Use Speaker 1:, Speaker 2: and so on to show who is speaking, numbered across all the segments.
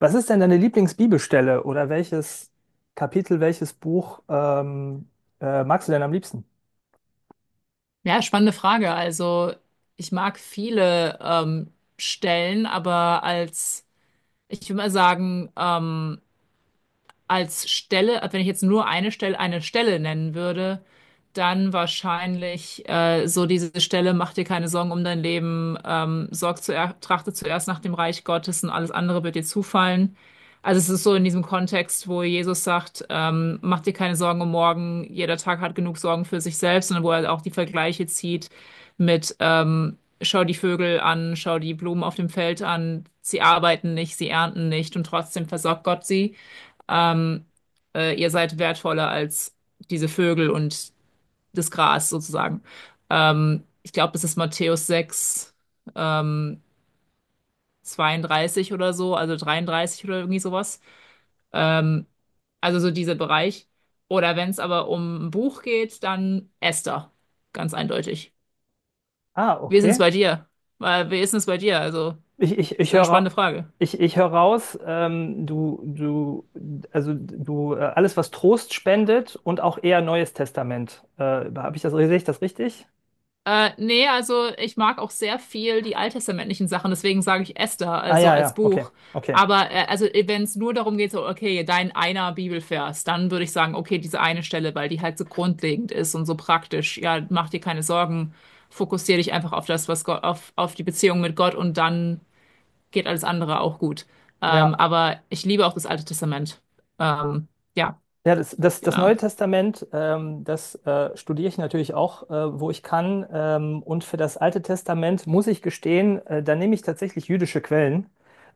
Speaker 1: Was ist denn deine Lieblingsbibelstelle oder welches Kapitel, welches Buch magst du denn am liebsten?
Speaker 2: Ja, spannende Frage. Also, ich mag viele Stellen, ich würde mal sagen, als Stelle, also wenn ich jetzt nur eine Stelle nennen würde, dann wahrscheinlich so diese Stelle, mach dir keine Sorgen um dein Leben, sorg zuer trachte zuerst nach dem Reich Gottes und alles andere wird dir zufallen. Also es ist so in diesem Kontext, wo Jesus sagt, mach dir keine Sorgen um morgen, jeder Tag hat genug Sorgen für sich selbst und wo er auch die Vergleiche zieht mit schau die Vögel an, schau die Blumen auf dem Feld an, sie arbeiten nicht, sie ernten nicht und trotzdem versorgt Gott sie, ähm, ihr seid wertvoller als diese Vögel und das Gras sozusagen. Ich glaube, das ist Matthäus 6 ähm, 32 oder so, also 33 oder irgendwie sowas. Ähm, also so dieser Bereich. Oder wenn es aber um ein Buch geht, dann Esther, ganz eindeutig.
Speaker 1: Ah,
Speaker 2: Wie ist es
Speaker 1: okay.
Speaker 2: bei dir? Wie ist es bei dir? Also,
Speaker 1: Ich, ich,
Speaker 2: ist
Speaker 1: ich
Speaker 2: ja eine spannende
Speaker 1: höre,
Speaker 2: Frage.
Speaker 1: ich höre raus, alles, was Trost spendet und auch eher Neues Testament. Habe ich das, sehe ich das richtig?
Speaker 2: Nee, also ich mag auch sehr viel die alttestamentlichen Sachen, deswegen sage ich Esther,
Speaker 1: Ah,
Speaker 2: also
Speaker 1: ja,
Speaker 2: als
Speaker 1: ja, okay,
Speaker 2: Buch.
Speaker 1: okay.
Speaker 2: Aber also wenn es nur darum geht, so, okay, dein einer Bibelvers, dann würde ich sagen, okay, diese eine Stelle, weil die halt so grundlegend ist und so praktisch. Ja, mach dir keine Sorgen, fokussier dich einfach auf das, was Gott, auf die Beziehung mit Gott und dann geht alles andere auch gut.
Speaker 1: Ja.
Speaker 2: Aber ich liebe auch das Alte Testament. Ähm, ja,
Speaker 1: Ja, das
Speaker 2: genau.
Speaker 1: Neue Testament, das studiere ich natürlich auch, wo ich kann. Und für das Alte Testament muss ich gestehen, da nehme ich tatsächlich jüdische Quellen.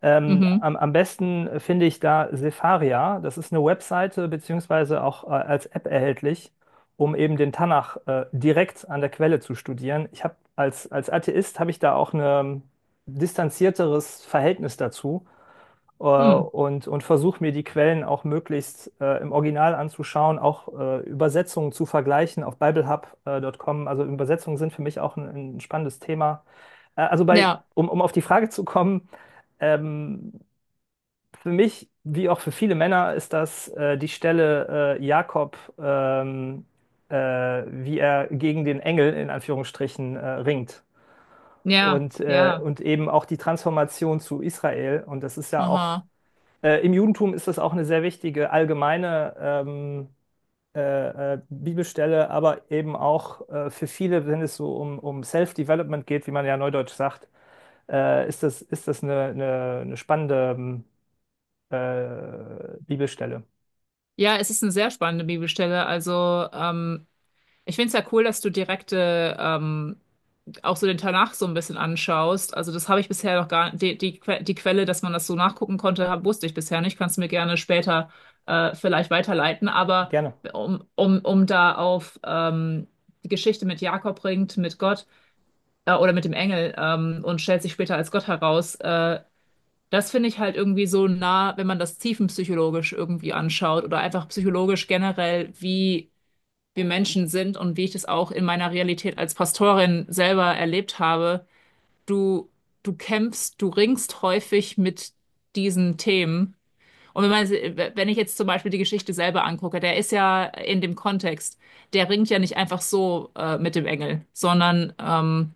Speaker 1: Ähm,
Speaker 2: Mhm.
Speaker 1: am, am besten finde ich da Sepharia. Das ist eine Webseite beziehungsweise auch als App erhältlich, um eben den Tanach direkt an der Quelle zu studieren. Ich habe als Atheist habe ich da auch ein distanzierteres Verhältnis dazu
Speaker 2: Hm.
Speaker 1: und versuche mir die Quellen auch möglichst im Original anzuschauen, auch Übersetzungen zu vergleichen auf BibleHub.com. Also Übersetzungen sind für mich auch ein spannendes Thema.
Speaker 2: Ja,
Speaker 1: Um auf die Frage zu kommen, ähm, für mich, wie auch für viele Männer, ist das die Stelle Jakob, äh, wie er gegen den Engel in Anführungsstrichen ringt.
Speaker 2: ja, ja.
Speaker 1: Und eben auch die Transformation zu Israel. Und das ist ja auch
Speaker 2: Aha.
Speaker 1: im Judentum ist das auch eine sehr wichtige allgemeine Bibelstelle, aber eben auch für viele, wenn es so um Self-Development geht, wie man ja neudeutsch sagt, ist eine spannende Bibelstelle.
Speaker 2: Ja, es ist eine sehr spannende Bibelstelle. Also, ich finde es ja cool, dass du direkte auch so den Tanach so ein bisschen anschaust. Also, das habe ich bisher noch gar die Quelle, dass man das so nachgucken konnte, wusste ich bisher nicht. Kannst du mir gerne später vielleicht weiterleiten. Aber
Speaker 1: Gerne.
Speaker 2: um da auf die Geschichte mit Jakob ringt, mit Gott oder mit dem Engel und stellt sich später als Gott heraus. Das finde ich halt irgendwie so nah, wenn man das tiefenpsychologisch irgendwie anschaut oder einfach psychologisch generell, wie wir Menschen sind und wie ich das auch in meiner Realität als Pastorin selber erlebt habe. Du, du kämpfst, du ringst häufig mit diesen Themen. Und wenn man, wenn ich jetzt zum Beispiel die Geschichte selber angucke, der ist ja in dem Kontext, der ringt ja nicht einfach so mit dem Engel, sondern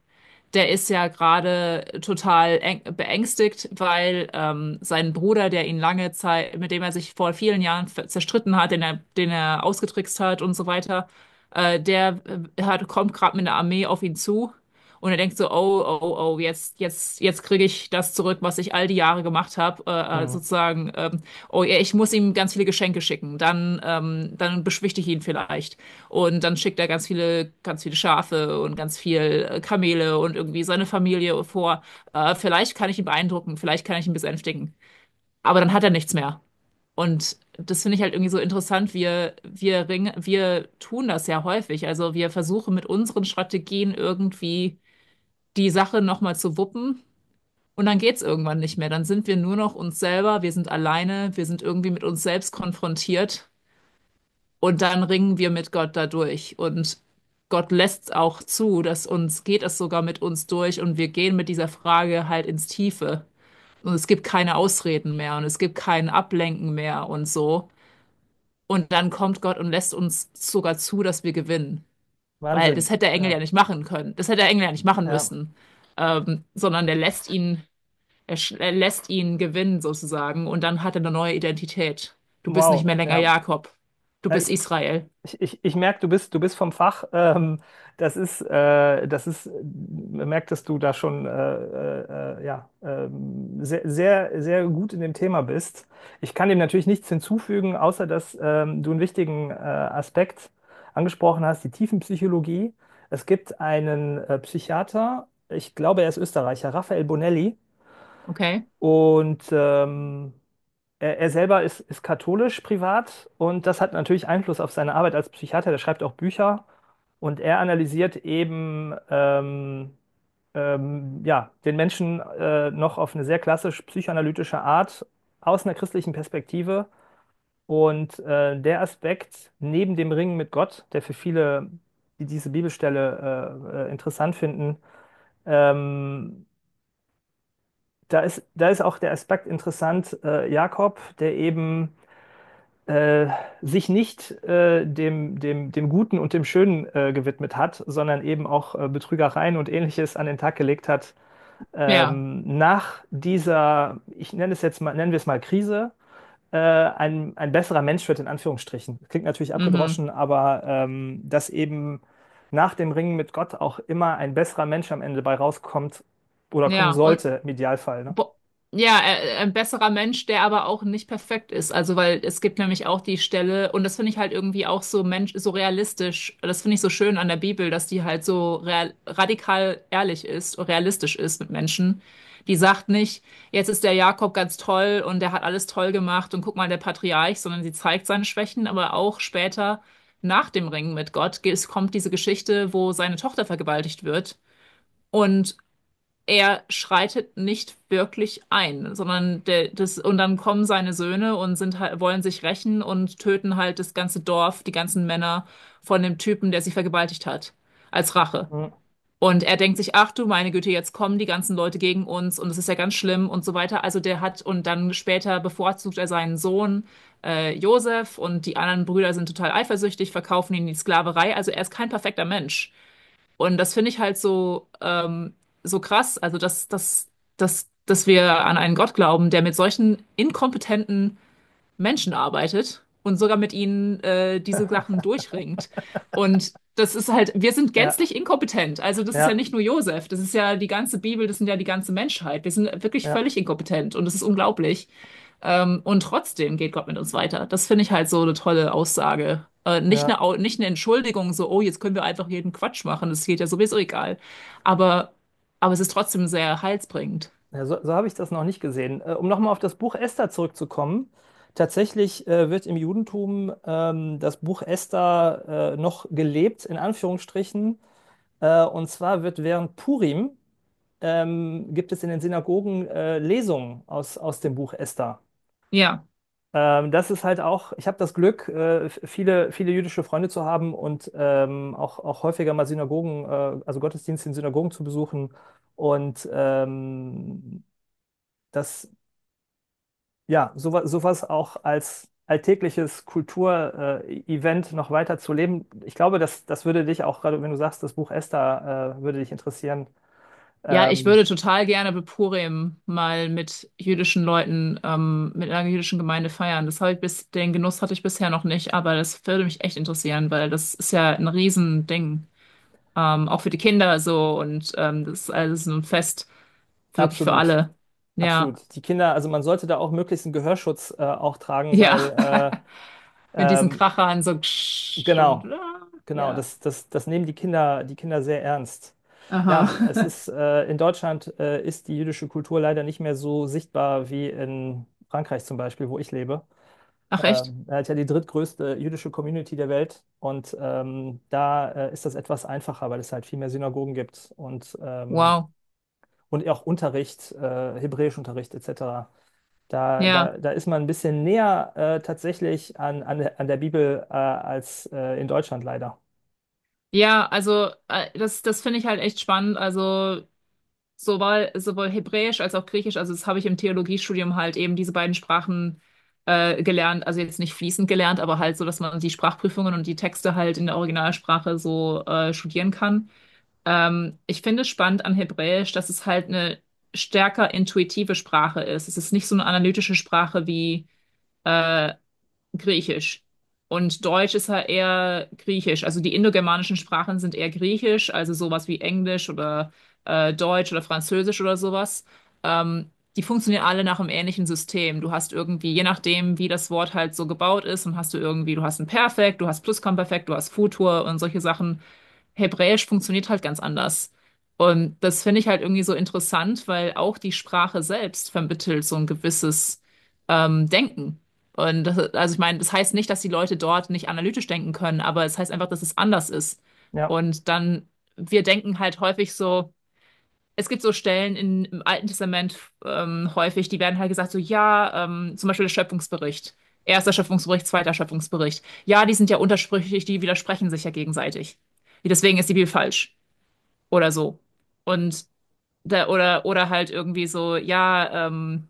Speaker 2: der ist ja gerade total beängstigt, weil sein Bruder, der ihn lange Zeit, mit dem er sich vor vielen Jahren zerstritten hat, den er ausgetrickst hat und so weiter, äh, der kommt gerade mit einer Armee auf ihn zu und er denkt so, oh, oh, oh, jetzt, jetzt, jetzt kriege ich das zurück, was ich all die Jahre gemacht habe,
Speaker 1: Mhm.
Speaker 2: sozusagen, oh ja, ich muss ihm ganz viele Geschenke schicken, dann, dann beschwichtige ich ihn vielleicht. Und dann schickt er ganz viele Schafe und ganz viel Kamele und irgendwie seine Familie vor. Vielleicht kann ich ihn beeindrucken, vielleicht kann ich ihn besänftigen. Aber dann hat er nichts mehr. Und das finde ich halt irgendwie so interessant. Wir ringen, wir tun das ja häufig. Also wir versuchen mit unseren Strategien irgendwie die Sache nochmal zu wuppen. Und dann geht's irgendwann nicht mehr. Dann sind wir nur noch uns selber. Wir sind alleine. Wir sind irgendwie mit uns selbst konfrontiert. Und dann ringen wir mit Gott dadurch. Und Gott lässt es auch zu, dass uns geht es sogar mit uns durch und wir gehen mit dieser Frage halt ins Tiefe. Und es gibt keine Ausreden mehr und es gibt kein Ablenken mehr und so. Und dann kommt Gott und lässt uns sogar zu, dass wir gewinnen. Weil das hätte
Speaker 1: Wahnsinn.
Speaker 2: der Engel ja
Speaker 1: Ja.
Speaker 2: nicht machen können. Das hätte der Engel ja nicht machen
Speaker 1: Ja.
Speaker 2: müssen. Sondern der lässt ihn, er lässt ihn gewinnen sozusagen. Und dann hat er eine neue Identität. Du bist nicht
Speaker 1: Wow.
Speaker 2: mehr länger
Speaker 1: Ja.
Speaker 2: Jakob. Du
Speaker 1: Äh,
Speaker 2: bist
Speaker 1: Ich,
Speaker 2: Israel.
Speaker 1: ich merke, du bist vom Fach. Das ist, man merkt, dass du da schon ja, sehr gut in dem Thema bist. Ich kann dem natürlich nichts hinzufügen, außer dass du einen wichtigen Aspekt angesprochen hast, die Tiefenpsychologie. Es gibt einen Psychiater, ich glaube, er ist Österreicher, Raphael Bonelli.
Speaker 2: Okay?
Speaker 1: Und er selber ist katholisch privat und das hat natürlich Einfluss auf seine Arbeit als Psychiater. Der schreibt auch Bücher und er analysiert eben ja, den Menschen noch auf eine sehr klassisch psychoanalytische Art aus einer christlichen Perspektive. Und der Aspekt neben dem Ringen mit Gott, der für viele, die diese Bibelstelle interessant finden, ähm, da ist auch der Aspekt interessant, Jakob, der eben äh, sich nicht dem Guten und dem Schönen gewidmet hat, sondern eben auch Betrügereien und Ähnliches an den Tag gelegt hat.
Speaker 2: Ja,
Speaker 1: Nach dieser, ich nenne es jetzt mal, nennen wir es mal Krise, ein besserer Mensch wird in Anführungsstrichen. Klingt natürlich
Speaker 2: mhm.
Speaker 1: abgedroschen, aber dass eben nach dem Ringen mit Gott auch immer ein besserer Mensch am Ende bei rauskommt oder kommen
Speaker 2: Ja, und
Speaker 1: sollte, im Idealfall. Ne?
Speaker 2: bo ja, ein besserer Mensch, der aber auch nicht perfekt ist. Also, weil es gibt nämlich auch die Stelle, und das finde ich halt irgendwie auch so Mensch, so realistisch. Das finde ich so schön an der Bibel, dass die halt so real, radikal ehrlich ist und realistisch ist mit Menschen. Die sagt nicht, jetzt ist der Jakob ganz toll und der hat alles toll gemacht und guck mal, der Patriarch, sondern sie zeigt seine Schwächen, aber auch später nach dem Ringen mit Gott es kommt diese Geschichte, wo seine Tochter vergewaltigt wird. Und er schreitet nicht wirklich ein, sondern und dann kommen seine Söhne und sind halt, wollen sich rächen und töten halt das ganze Dorf, die ganzen Männer von dem Typen, der sie vergewaltigt hat, als Rache.
Speaker 1: Mhm.
Speaker 2: Und er denkt sich, ach du meine Güte, jetzt kommen die ganzen Leute gegen uns und es ist ja ganz schlimm und so weiter. Also der hat, und dann später bevorzugt er seinen Sohn, Josef und die anderen Brüder sind total eifersüchtig, verkaufen ihn in die Sklaverei. Also er ist kein perfekter Mensch. Und das finde ich halt so, so krass, also dass wir an einen Gott glauben, der mit solchen inkompetenten Menschen arbeitet und sogar mit ihnen diese Sachen durchringt. Und das ist halt, wir sind
Speaker 1: Ja,
Speaker 2: gänzlich inkompetent. Also das ist ja
Speaker 1: ja,
Speaker 2: nicht nur Josef, das ist ja die ganze Bibel, das sind ja die ganze Menschheit. Wir sind wirklich
Speaker 1: ja,
Speaker 2: völlig inkompetent und das ist unglaublich. Und trotzdem geht Gott mit uns weiter. Das finde ich halt so eine tolle Aussage.
Speaker 1: ja.
Speaker 2: Nicht eine Entschuldigung, so, oh, jetzt können wir einfach jeden Quatsch machen, das geht ja sowieso egal. Aber, aber es ist trotzdem sehr heilsbringend.
Speaker 1: Ja, so so habe ich das noch nicht gesehen. Um nochmal auf das Buch Esther zurückzukommen. Tatsächlich wird im Judentum das Buch Esther noch gelebt, in Anführungsstrichen. Und zwar wird während Purim gibt es in den Synagogen Lesungen aus, aus dem Buch Esther.
Speaker 2: Ja.
Speaker 1: Das ist halt auch, ich habe das Glück, viele, viele jüdische Freunde zu haben und auch, auch häufiger mal Synagogen, also Gottesdienste in Synagogen zu besuchen. Und das ja, sowas, sowas auch als alltägliches Kulturevent noch weiter zu leben. Ich glaube, das würde dich auch, gerade wenn du sagst, das Buch Esther, würde dich interessieren.
Speaker 2: Ja, ich
Speaker 1: Ähm,
Speaker 2: würde total gerne Beppurim mal mit jüdischen Leuten, mit einer jüdischen Gemeinde feiern. Das habe ich bis, den Genuss hatte ich bisher noch nicht, aber das würde mich echt interessieren, weil das ist ja ein Riesending. Auch für die Kinder so und das ist alles so ein Fest wirklich für
Speaker 1: absolut,
Speaker 2: alle. Ja.
Speaker 1: absolut. Die Kinder, also man sollte da auch möglichst einen Gehörschutz auch tragen,
Speaker 2: Ja,
Speaker 1: weil
Speaker 2: mit
Speaker 1: äh,
Speaker 2: diesen
Speaker 1: ähm,
Speaker 2: Krachern so ksch und
Speaker 1: genau,
Speaker 2: ah, ja,
Speaker 1: das nehmen die Kinder sehr ernst.
Speaker 2: aha.
Speaker 1: Ja, es ist in Deutschland ist die jüdische Kultur leider nicht mehr so sichtbar wie in Frankreich zum Beispiel, wo ich lebe.
Speaker 2: Ach echt?
Speaker 1: Er hat ja die drittgrößte jüdische Community der Welt und da ist das etwas einfacher, weil es halt viel mehr Synagogen gibt
Speaker 2: Wow.
Speaker 1: und auch Unterricht, Hebräischunterricht etc.
Speaker 2: Ja,
Speaker 1: Da ist man ein bisschen näher tatsächlich an der Bibel als in Deutschland leider.
Speaker 2: ja, also das finde ich halt echt spannend. Also sowohl Hebräisch als auch Griechisch, also das habe ich im Theologiestudium halt eben diese beiden Sprachen gelernt, also jetzt nicht fließend gelernt, aber halt so, dass man die Sprachprüfungen und die Texte halt in der Originalsprache so studieren kann. Ich finde spannend an Hebräisch, dass es halt eine stärker intuitive Sprache ist. Es ist nicht so eine analytische Sprache wie äh, Griechisch. Und Deutsch ist halt eher Griechisch. Also die indogermanischen Sprachen sind eher Griechisch, also sowas wie Englisch oder Deutsch oder Französisch oder sowas. Die funktionieren alle nach einem ähnlichen System. Du hast irgendwie, je nachdem, wie das Wort halt so gebaut ist, dann hast du irgendwie, du hast ein Perfekt, du hast Plusquamperfekt, du hast Futur und solche Sachen. Hebräisch funktioniert halt ganz anders. Und das finde ich halt irgendwie so interessant, weil auch die Sprache selbst vermittelt so ein gewisses Denken. Und das, also ich meine, das heißt nicht, dass die Leute dort nicht analytisch denken können, aber es heißt einfach, dass es anders ist.
Speaker 1: Ja,
Speaker 2: Und dann, wir denken halt häufig so, es gibt so Stellen im Alten Testament häufig, die werden halt gesagt, so ja, zum Beispiel der Schöpfungsbericht. Erster Schöpfungsbericht, zweiter Schöpfungsbericht. Ja, die sind ja untersprüchlich, die widersprechen sich ja gegenseitig. Deswegen ist die Bibel falsch oder so. Und da, oder halt irgendwie so, ja, ähm,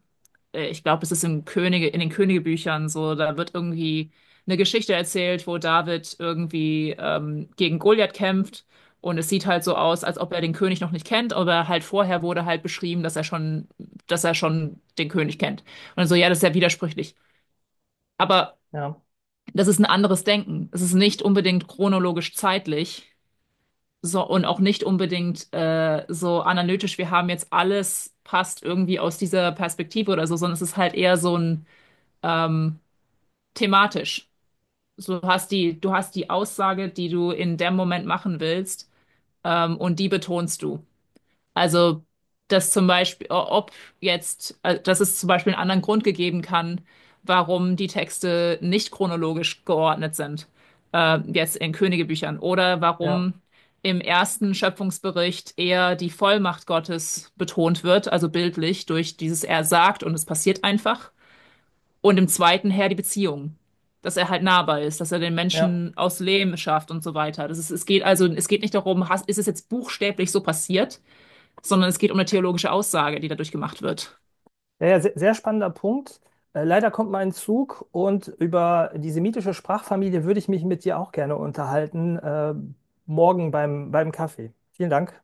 Speaker 2: äh, ich glaube, es ist im Könige, in den Königebüchern so, da wird irgendwie eine Geschichte erzählt, wo David irgendwie gegen Goliath kämpft und es sieht halt so aus, als ob er den König noch nicht kennt, aber halt vorher wurde halt beschrieben, dass er schon den König kennt. Und so, ja, das ist ja widersprüchlich. Aber
Speaker 1: ja,
Speaker 2: das ist ein anderes Denken. Es ist nicht unbedingt chronologisch zeitlich so, und auch nicht unbedingt so analytisch, wir haben jetzt alles passt irgendwie aus dieser Perspektive oder so, sondern es ist halt eher so ein ähm, thematisch. So, Du hast du hast die Aussage, die du in dem Moment machen willst, und die betonst du. Also, dass zum Beispiel, ob jetzt, dass es zum Beispiel einen anderen Grund gegeben kann, warum die Texte nicht chronologisch geordnet sind, jetzt in Königebüchern, oder
Speaker 1: ja,
Speaker 2: warum im ersten Schöpfungsbericht eher die Vollmacht Gottes betont wird, also bildlich durch dieses Er sagt und es passiert einfach, und im zweiten her die Beziehung. Dass er halt nahbar ist, dass er den
Speaker 1: ja.
Speaker 2: Menschen aus Lehm schafft und so weiter. Das ist, es geht also, es geht nicht darum, hast, ist es jetzt buchstäblich so passiert, sondern es geht um eine theologische Aussage, die dadurch gemacht wird.
Speaker 1: Ja, ja, sehr spannender Punkt. Leider kommt mein Zug und über die semitische Sprachfamilie würde ich mich mit dir auch gerne unterhalten, morgen beim, beim Kaffee. Vielen Dank.